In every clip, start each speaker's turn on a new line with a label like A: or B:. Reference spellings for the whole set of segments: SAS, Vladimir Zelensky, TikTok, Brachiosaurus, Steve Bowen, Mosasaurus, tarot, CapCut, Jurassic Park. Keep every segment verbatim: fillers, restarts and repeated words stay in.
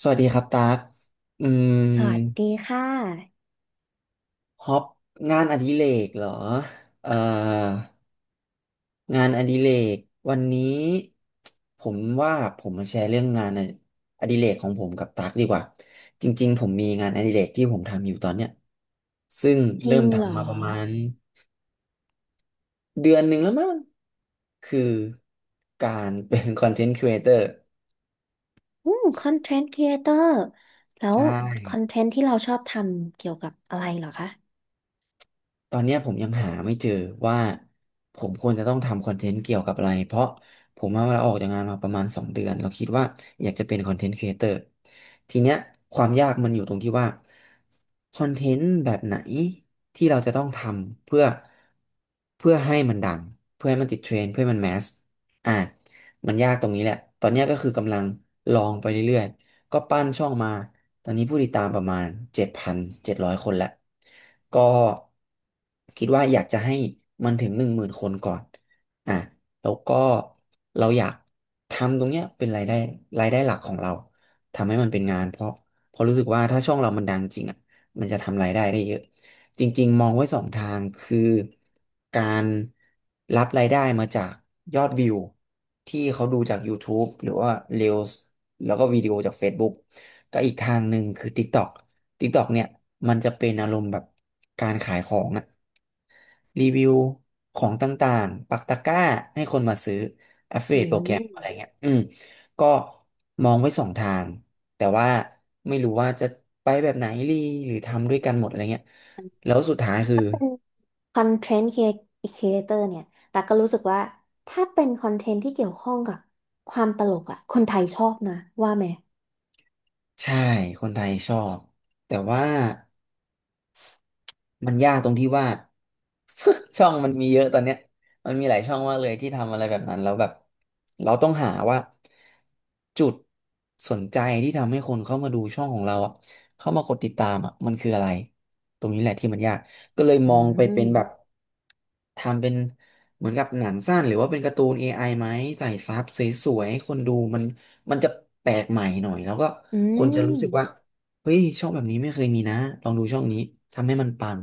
A: สวัสดีครับตั๊กอื
B: สวัส
A: ม
B: ดีค่ะ
A: ฮอปงานอดิเรกเหรอเอ่องานอดิเรกวันนี้ผมว่าผมมาแชร์เรื่องงานอดิเรกของผมกับตั๊กดีกว่าจริงๆผมมีงานอดิเรกที่ผมทำอยู่ตอนเนี้ยซึ่ง
B: จ
A: เริ่
B: ริ
A: ม
B: ง
A: ดั
B: เหร
A: ทำ
B: อ
A: มาประมมาณเดือนหนึ่งแล้วมั้งคือการเป็น คอนเทนต์ครีเอเตอร์
B: อืมคอนเทนต์ครีเอเตอร์แล้ว
A: ใช่
B: คอนเทนต์ที่เราชอบทำเกี่ยวกับอะไรเหรอคะ
A: ตอนเนี้ยผมยังหาไม่เจอว่าผมควรจะต้องทำคอนเทนต์เกี่ยวกับอะไรเพราะผมว่าเราออกจากงานมาประมาณสองเดือนเราคิดว่าอยากจะเป็นคอนเทนต์ครีเอเตอร์ทีเนี้ยความยากมันอยู่ตรงที่ว่าคอนเทนต์แบบไหนที่เราจะต้องทำเพื่อเพื่อให้มันดังเพื่อให้มันติดเทรนด์เพื่อให้มันแมสอ่ะมันยากตรงนี้แหละตอนเนี้ยก็คือกำลังลองไปเรื่อยๆ ก็ปั้นช่องมา ตอนนี้ผู้ติดตามประมาณเจ็ดพันเจ็ดร้อยคนแล้วก็คิดว่าอยากจะให้มันถึงหนึ่งหมื่นคนก่อนอ่ะแล้วก็เราอยากทำตรงเนี้ยเป็นรายได้รายได้หลักของเรา ทำให้มันเป็นงานเพราะเพราะรู้สึกว่าถ้าช่องเรามันดังจริงอ่ะมันจะทำรายได้ได้เยอะจริงๆมองไว้สองทางคือการรับรายได้มาจากยอดวิวที่เขาดูจาก YouTube หรือว่า Reels แล้วก็วิดีโอจาก Facebook ก็อีกทางหนึ่งคือ TikTok TikTok เนี่ยมันจะเป็นอารมณ์แบบการขายของอะรีวิวของต่างๆปักตะกร้าให้คนมาซื้อ
B: อื
A: Affiliate โปรแกรมอะไร
B: ม
A: เงี้ยอืมก็มองไว้สองทางแต่ว่าไม่รู้ว่าจะไปแบบไหนรีหรือทำด้วยกันหมดอะไรเงี้ยแล้วสุดท้ายคือ
B: เป็นคอนเทนต์ครีเอเตอร์เนี่ยแต่ก็รู้สึกว่าถ้าเป็นคอนเทนต์ที่เกี่ยวข้องกับความตลกอะคนไทยชอบนะว่าไหม
A: ใช่คนไทยชอบแต่ว่า มันยากตรงที่ว่า ช่องมันมีเยอะตอนเนี้ยมันมีหลายช่องมากเลยที่ทำอะไรแบบนั้นแล้วแบบเราต้องหาว่าจุดสนใจที่ทำให้คนเข้ามาดูช่องของเราอ่ะเข้ามากดติดตามอ่ะมันคืออะไรตรงนี้แหละที่มันยากก็เลย
B: อื
A: มองไปเป็นแบบ
B: ม
A: ทำเป็นเหมือนกับหนังสั้นหรือว่าเป็นการ์ตูน เอ ไอไหมใส่ซับสวยๆให้คนดูมันมันจะแปลกใหม่หน่อยแล้วก็
B: อื
A: คนจะรู้สึกว่า
B: ม
A: เฮ้ยช่องแบบนี้ไม่เคยมีนะลองดูช่องนี้ทำให้มันปัง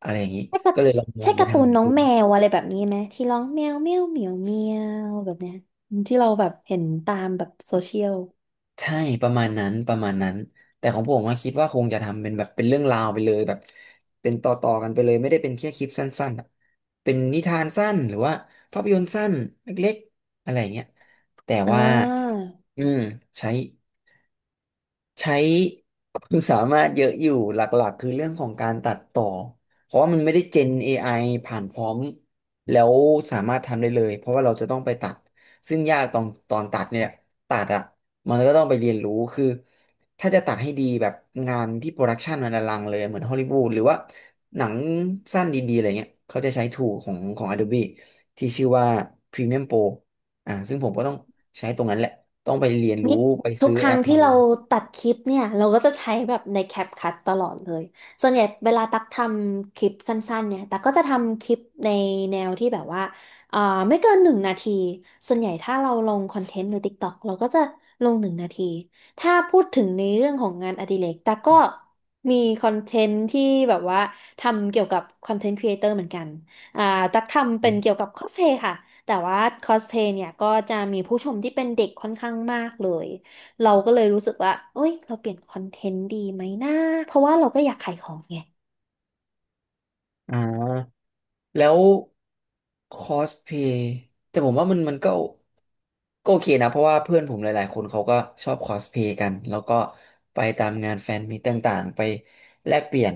A: อะไรอย่างนี้
B: ใช่การ
A: ก็เลยลองมอ
B: ใช่
A: งไป
B: การ์
A: ทา
B: ตู
A: ง
B: น
A: นั้น
B: น้อ
A: ดู
B: งแมวอะไรแบบนี้ไหมที่ร้องแมวแมวเหมียวเมียวแบบเนี้ยที่เราแบบเห็นตามแบบโซเชียล
A: ใช่ประมาณนั้นประมาณนั้นแต่ของผมก็คิดว่าคงจะทำเป็นแบบเป็นเรื่องราวไปเลยแบบเป็นต่อต่อกันไปเลยไม่ได้เป็นแค่คลิปสั้นๆอะเป็นนิทานสั้นหรือว่าภาพยนตร์สั้นเล็กๆอะไรอย่างเงี้ยแต่
B: อ่
A: ว่า
B: า
A: อืมใช้ ใช้ความสามารถเยอะอยู่หลักๆคือเรื่องของการตัดต่อเพราะว่ามันไม่ได้เจน เอ ผ่านพร้อมแล้วสามารถทำได้เลยเพราะว่าเราจะต้องไปตัดซึ่งยากตอนตอนตัดเนี่ยตัดอ่ะมันก็ต้องไปเรียนรู้คือถ้าจะตัดให้ดีแบบงานที่โปรดักชันมันอลังเลยเหมือนฮอลลีวูดหรือว่าหนังสั้นดีๆอะไรเงี้ยเขาจะใช้ t ู o ของของ Adobe ที่ชื่อว่า Premiere Pro อ่าซึ่งผมก็ต้องใช้ตรงนั้นแหละต้องไปเรียนรู้
B: นี่
A: ไป
B: ทุ
A: ซื้
B: ก
A: อ
B: ค
A: แอ
B: รั้ง
A: ป
B: ที่
A: มา
B: เราตัดคลิปเนี่ยเราก็จะใช้แบบใน CapCut ตลอดเลยส่วนใหญ่เวลาตักทำคลิปสั้นๆเนี่ยตักก็จะทำคลิปในแนวที่แบบว่าเอ่อไม่เกินหนึ่งนาทีส่วนใหญ่ถ้าเราลงคอนเทนต์ใน TikTok เราก็จะลงหนึ่งนาทีถ้าพูดถึงในเรื่องของงานอดิเรกตักก็มีคอนเทนต์ที่แบบว่าทำเกี่ยวกับคอนเทนต์ครีเอเตอร์เหมือนกันอ่าตักทำเป็นเกี่ยวกับคอสเพลย์ค่ะ แต่ว่าคอสเพลย์เนี่ยก็จะมีผู้ชมที่เป็นเด็กค่อนข้างมากเลย เราก็เลยรู้สึกว่าเอ้ย เราเปลี่ยนคอนเทนต์ดีไหมนะเพราะว่าเราก็อยากขายของไง
A: อ่าแล้วคอสเพย์แต่ผมว่ามันมันก็ก็โอเคนะเพราะว่าเพื่อนผมหลายๆคนเขาก็ชอบคอสเพย์กันแล้วก็ไปตามงานแฟนมีตต่างๆไปแลกเปลี่ยน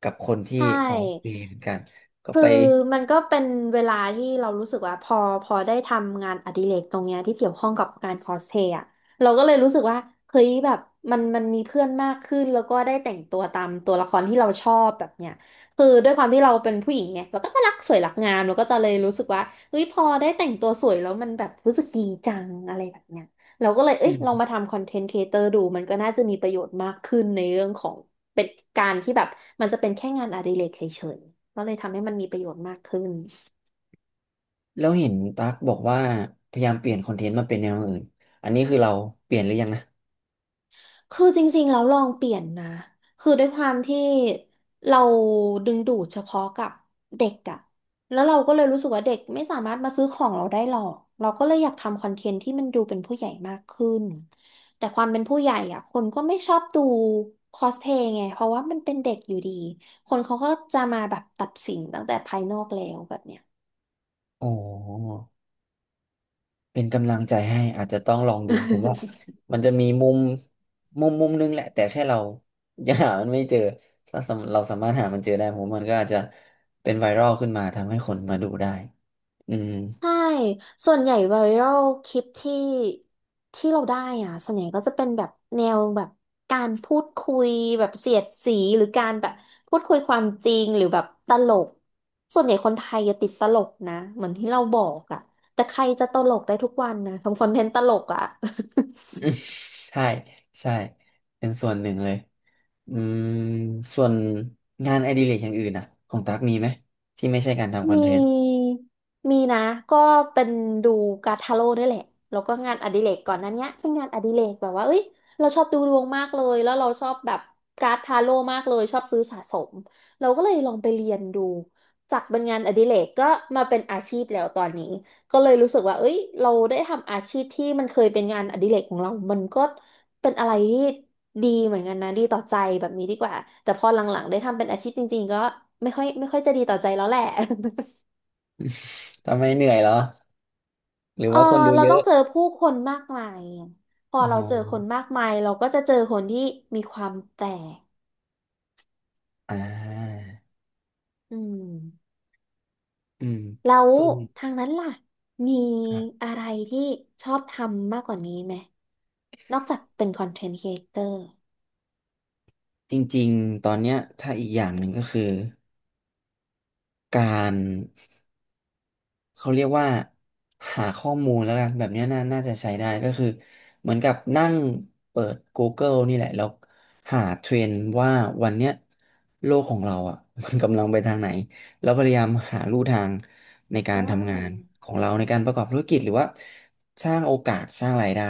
A: กับคนที่
B: ใช่
A: คอสเพย์เหมือนกันก็
B: คือ
A: ไป
B: มันก็เป็นเวลาที่เรารู้สึกว่าพอพอได้ทำงานอดิเรกตรงเนี้ยที่เกี่ยวข้องกับการคอสเพลย์อะเราก็เลยรู้สึกว่าเฮ้ยแบบมันมันมีเพื่อนมากขึ้นแล้วก็ได้แต่งตัวตามตัวละครที่เราชอบแบบเนี้ยคือด้วยความที่เราเป็นผู้หญิงไงเราก็จะรักสวยรักงามเราก็จะเลยรู้สึกว่าเฮ้ยพอได้แต่งตัวสวยแล้วมันแบบรู้สึกดีจังอะไรแบบเนี้ย เราก็เลย เอ้ย
A: อื
B: ลองมา
A: ม
B: ทำคอนเทนต์ครีเอเตอร์ดู มันก็น่าจะมีประโยชน์มากขึ้นในเรื่องของเป็นการที่แบบ มันจะเป็นแค่งานอดิเรกเฉยๆก็เลยทำให้มันมีประโยชน์มากขึ้น
A: แล้วเห็นตั๊กบอกว่าพยายามเปลี่ยนคอนเทนต์มาเป็นแนวอื่นอันนี้คือเราเปลี่ยนหรือยังนะ
B: คือจริงๆแล้วลองเปลี่ยนนะคือด้วยความที่เราดึงดูดเฉพาะกับเด็กอะแล้วเราก็เลยรู้สึกว่าเด็กไม่สามารถมาซื้อของเราได้หรอกเราก็เลยอยากทำคอนเทนต์ที่มันดูเป็นผู้ใหญ่มากขึ้นแต่ความเป็นผู้ใหญ่อะคนก็ไม่ชอบดูคอสเพย์ไงเพราะว่ามันเป็นเด็กอยู่ดีคนเขาก็จะมาแบบตัดสินตั้งแต่ภายนอกแล้วแบบเนี้ย
A: อ๋อ เป็นกำลังใจให้อาจจะต้องลองดูผมว่า มันจะมีมุมมุมมุมนึงแหละแต่แค่เรายังหามันไม่เจอถ้าสำเราสามารถหามันเจอได้ผมว่ามันก็อาจจะเป็นไวรัลขึ้นมาทำให้คนมาดูได้อืม
B: ใช่ส่วนใหญ่ไวรัลคลิปที่ที่เราได้อ่ะส่วนใหญ่ก็จะเป็นแบบแนวแบบการพูดคุยแบบเสียดสีหรือการแบบพูดคุยความจริงหรือแบบตลก ส่วนใหญ่คนไทยจะติดตลกนะเหมือนที่เราบอกอ่ะแต่ใครจะตลกได้ทุกวันนะทำคอนเทนต์ตลกอ่ะ
A: ใช่ใช่เป็นส่วนหนึ่งเลยอืมส่วนงานอดิเรกอย่างอื่นอ่ะของตั๊กมีไหมที่ไม่ใช่การทำคอน
B: มี
A: เทนต์
B: มีนะก็เป็นดูการ์ดทาโร่นี่แหละแล้วก็งานอดิเรกก่อนหนั้นเนี้ยเป็นงานอดิเรกแบบว่าเอ้ยเราชอบดูดวงมากเลยแล้วเราชอบแบบการ์ดทาโร่มากเลยชอบซื้อสะสมเราก็เลยลองไปเรียนดูจากเป็นงานอดิเรกก็มาเป็นอาชีพแล้วตอนนี้ก็เลยรู้สึกว่าเอ้ยเราได้ทำอาชีพที่มันเคยเป็นงานอดิเรกของเรามันก็เป็นอะไรที่ดีเหมือนกันนะดีต่อใจแบบนี้ดีกว่าแต่พอหลังๆได้ทำเป็นอาชีพจริงๆก็ไม่ค่อยไม่ค่อยจะดีต่อใจแล้วแหละ
A: ทำไมเหนื่อยเหรอหรือ
B: เออ
A: ว่าคนดู
B: เรา
A: เย
B: ต้อ
A: อะ
B: งเจอผู้คนมากมายอะพอ
A: อ๋
B: เราเจอค
A: อ
B: นมากมายเราก็จะเจอคนที่มีความแปลก
A: อ่า
B: อืม
A: อืม
B: แล้ว
A: ส่วน
B: ทางนั้นล่ะมีอะไรที่ชอบทำมากกว่านี้ไหมนอกจากเป็นคอนเทนต์ครีเอเตอร์
A: จริงๆ ตอนเนี้ยถ้าอีกอย่างหนึ่งก็คือการเขาเรียกว่าหาข้อมูลแล้วกันแบบเนี้ยน่าน่าจะใช้ได้ก็คือเหมือนกับนั่งเปิด Google นี่แหละแล้วหาเทรนด์ว่าวันเนี้ยโลกของเราอ่ะ มันกำลังไปทางไหนแล้วพยายามหาลู่ทางในกา
B: อ่
A: รทำงาน
B: า
A: ของเราในการประกอบธุรกิจหรือว่าสร้างโอกาสสร้างรายได้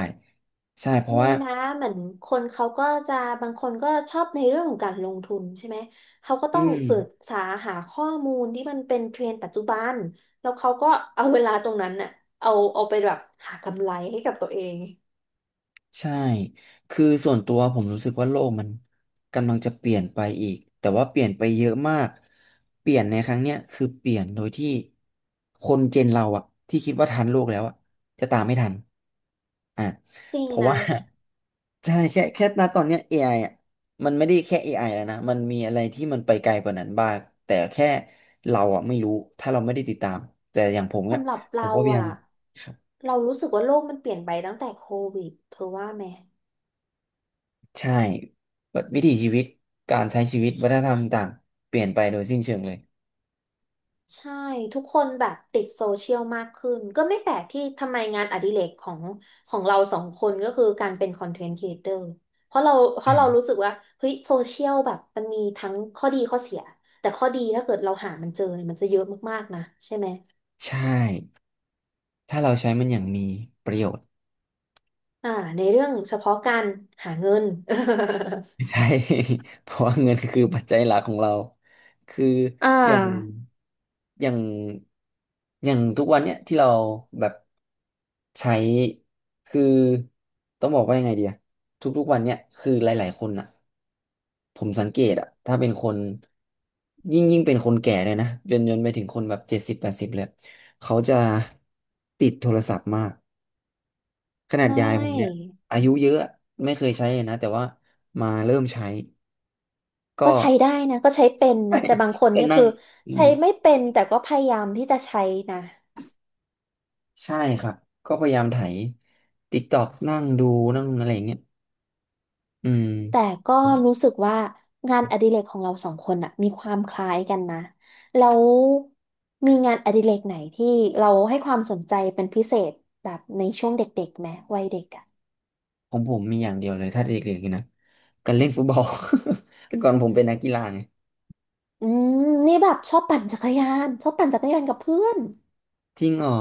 A: ใช่เพราะ
B: มี
A: ว่า
B: นะเหมือนคนเขาก็จะบางคนก็ชอบในเรื่องของการลงทุนใช่ไหมเขาก็
A: อื
B: ต้องศึก
A: ม
B: ษาหาข้อมูลที่มันเป็นเทรนด์ปัจจุบันแล้วเขาก็เอาเวลาตรงนั้นน่ะเอาเอาไปแบบหากำไรให้กับตัวเอง
A: ใช่ คือส่วนตัวผมรู้สึกว่าโลกมันกำลังจะเปลี่ยนไปอีก แต่ว่าเปลี่ยนไปเยอะมาก เปลี่ยนในครั้งเนี้ยคือเปลี่ยนโดยที่คนเจนเราอะที่คิดว่าทันโลกแล้วอะจะตามไม่ทันอ่ะ
B: จริง
A: เพราะ
B: นะ
A: ว่า ใช่แค่แค่ณตอนเนี้ย a ไออ่ะมันไม่ได้แค่ a อไอแล้วนะมันมีอะไรที่มันไปไกลกว่านั้นบ้างแต่แค่เราอ่ะไม่รู้ถ้าเราไม่ได้ติดตามแต่อย่างผมเนี่ย
B: สำหรับ
A: ผ
B: เรา
A: มก็พยายา
B: อ่ะ
A: ม
B: เรารู้สึกว่าโลกมันเปลี่ยนไปตั้งแต่โควิดเธอว่าไหม
A: ใช่แบบวิถีชีวิตการใช้ชีวิตวัฒนธรรมต่างเปลี่ยนไปโดยสิ้นเชิงเลย
B: ใช่ทุกคนแบบติดโซเชียลมากขึ้นก็ไม่แปลกที่ทำไมงานอดิเรกของของเราสองคนก็คือการเป็นคอนเทนต์ครีเอเตอร์เพราะเราเพ
A: อื
B: ราะ
A: ม
B: เรารู้สึกว่าเฮ้ยโซเชียลแบบมันมีทั้งข้อดีข้อเสียแต่ข้อดีถ้าเกิดเราหามันเจอเนี่ยมันจะเยอะมากๆนะใช่ไหม
A: ใช่ถ้าเราใช้มันอย่างมีประโยชน์
B: อ่าในเรื่องเฉพาะการหาเงิน
A: ใช่ เพราะว่าเงินคือปัจจัยหลักของเราคือ
B: อ่า
A: อย่างอย่างอย่างทุกวันเนี้ยที่เราแบบใช้คือต้องบอกว่ายังไงดีอะทุกๆวันเนี้ยคือหลายๆคนอะ ผมสังเกตอะถ้าเป็นคนยิ่งยิ่งเป็นคนแก่เลยนะจนจนไปถึงคนแบบเจ็ดสิบแปดสิบเลยเขาจะติดโทรศัพท์มากขนา
B: ใช
A: ดยายผมเนี่ย
B: ่
A: อายุเยอะไม่เคยใช้เลยนะแต่ว่ามาเริ่มใช้
B: ก็
A: ก็
B: ใช้ได้นะก็ใช้เป็นนะแต่บางคน
A: ก็
B: นี่
A: นั่
B: คื
A: ง
B: อ
A: อื
B: ใช้
A: ม
B: ไม่เป็นแต่ก็พยายามที่จะใช้นะ
A: ใช่ครับก็พยายามไถ ติ๊กต๊อก นั่งดูนั่งอะไรอย่างเงี้ยอืม
B: แต่ก็รู้สึกว่างานอดิเรกของเราสองคนอะมีความคล้ายกันนะแล้วมีงานอดิเรกไหนที่เราให้ความสนใจเป็นพิเศษแบบในช่วงเด็กๆไหมวัยเด็กอะ
A: ของผมมีอย่างเดียวเลยถ้าเด็กๆนะการเล่นฟุตบอล แต่ก่อนผมเป็นนักกีฬาไง
B: อืมนี่แบบชอบปั่นจักรยานชอบปั่นจักรยานกับเพื่อน
A: จริงเหรอ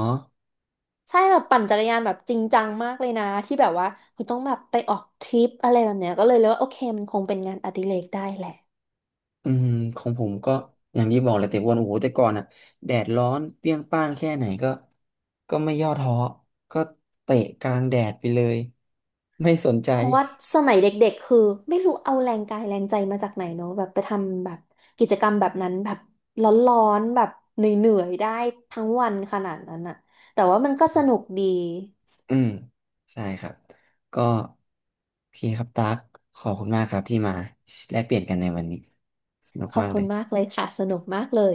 B: ใช่แบบปั่นจักรยานแบบจริงจังมากเลยนะที่แบบว่าคุณต้องแบบไปออกทริปอะไรแบบเนี้ยก็เลยเลยว่าโอเคมันคงเป็นงานอดิเรกได้แหละ
A: อืมของผมก็อย่างที่บอกเลยแต่วันโอ้โหแต่ก่อนอ่ะแดดร้อนเปรี้ยงป้างแค่ไหนก็ก็ไม่ย่อท้อก็เตะกลางแดดไปเลยไม่สนใจ
B: เพราะว่าสมัยเด็กๆคือไม่รู้เอาแรงกายแรงใจมาจากไหนเนาะแบบไปทำแบบกิจกรรมแบบนั้นแบบร้อนๆแบบเหนื่อยๆได้ทั้งวันขนาดนั้นอะแต่ว่ามันก็สนุกดี
A: อืมใช่ครับก็โอเคครับตั๊กขอบคุณมากครับที่มาแลกเปลี่ยนกันในวันนี้สนุก
B: ขอ
A: มา
B: บ
A: กเล
B: คุณ
A: ย
B: มากเลยค่ะสนุกมากเลย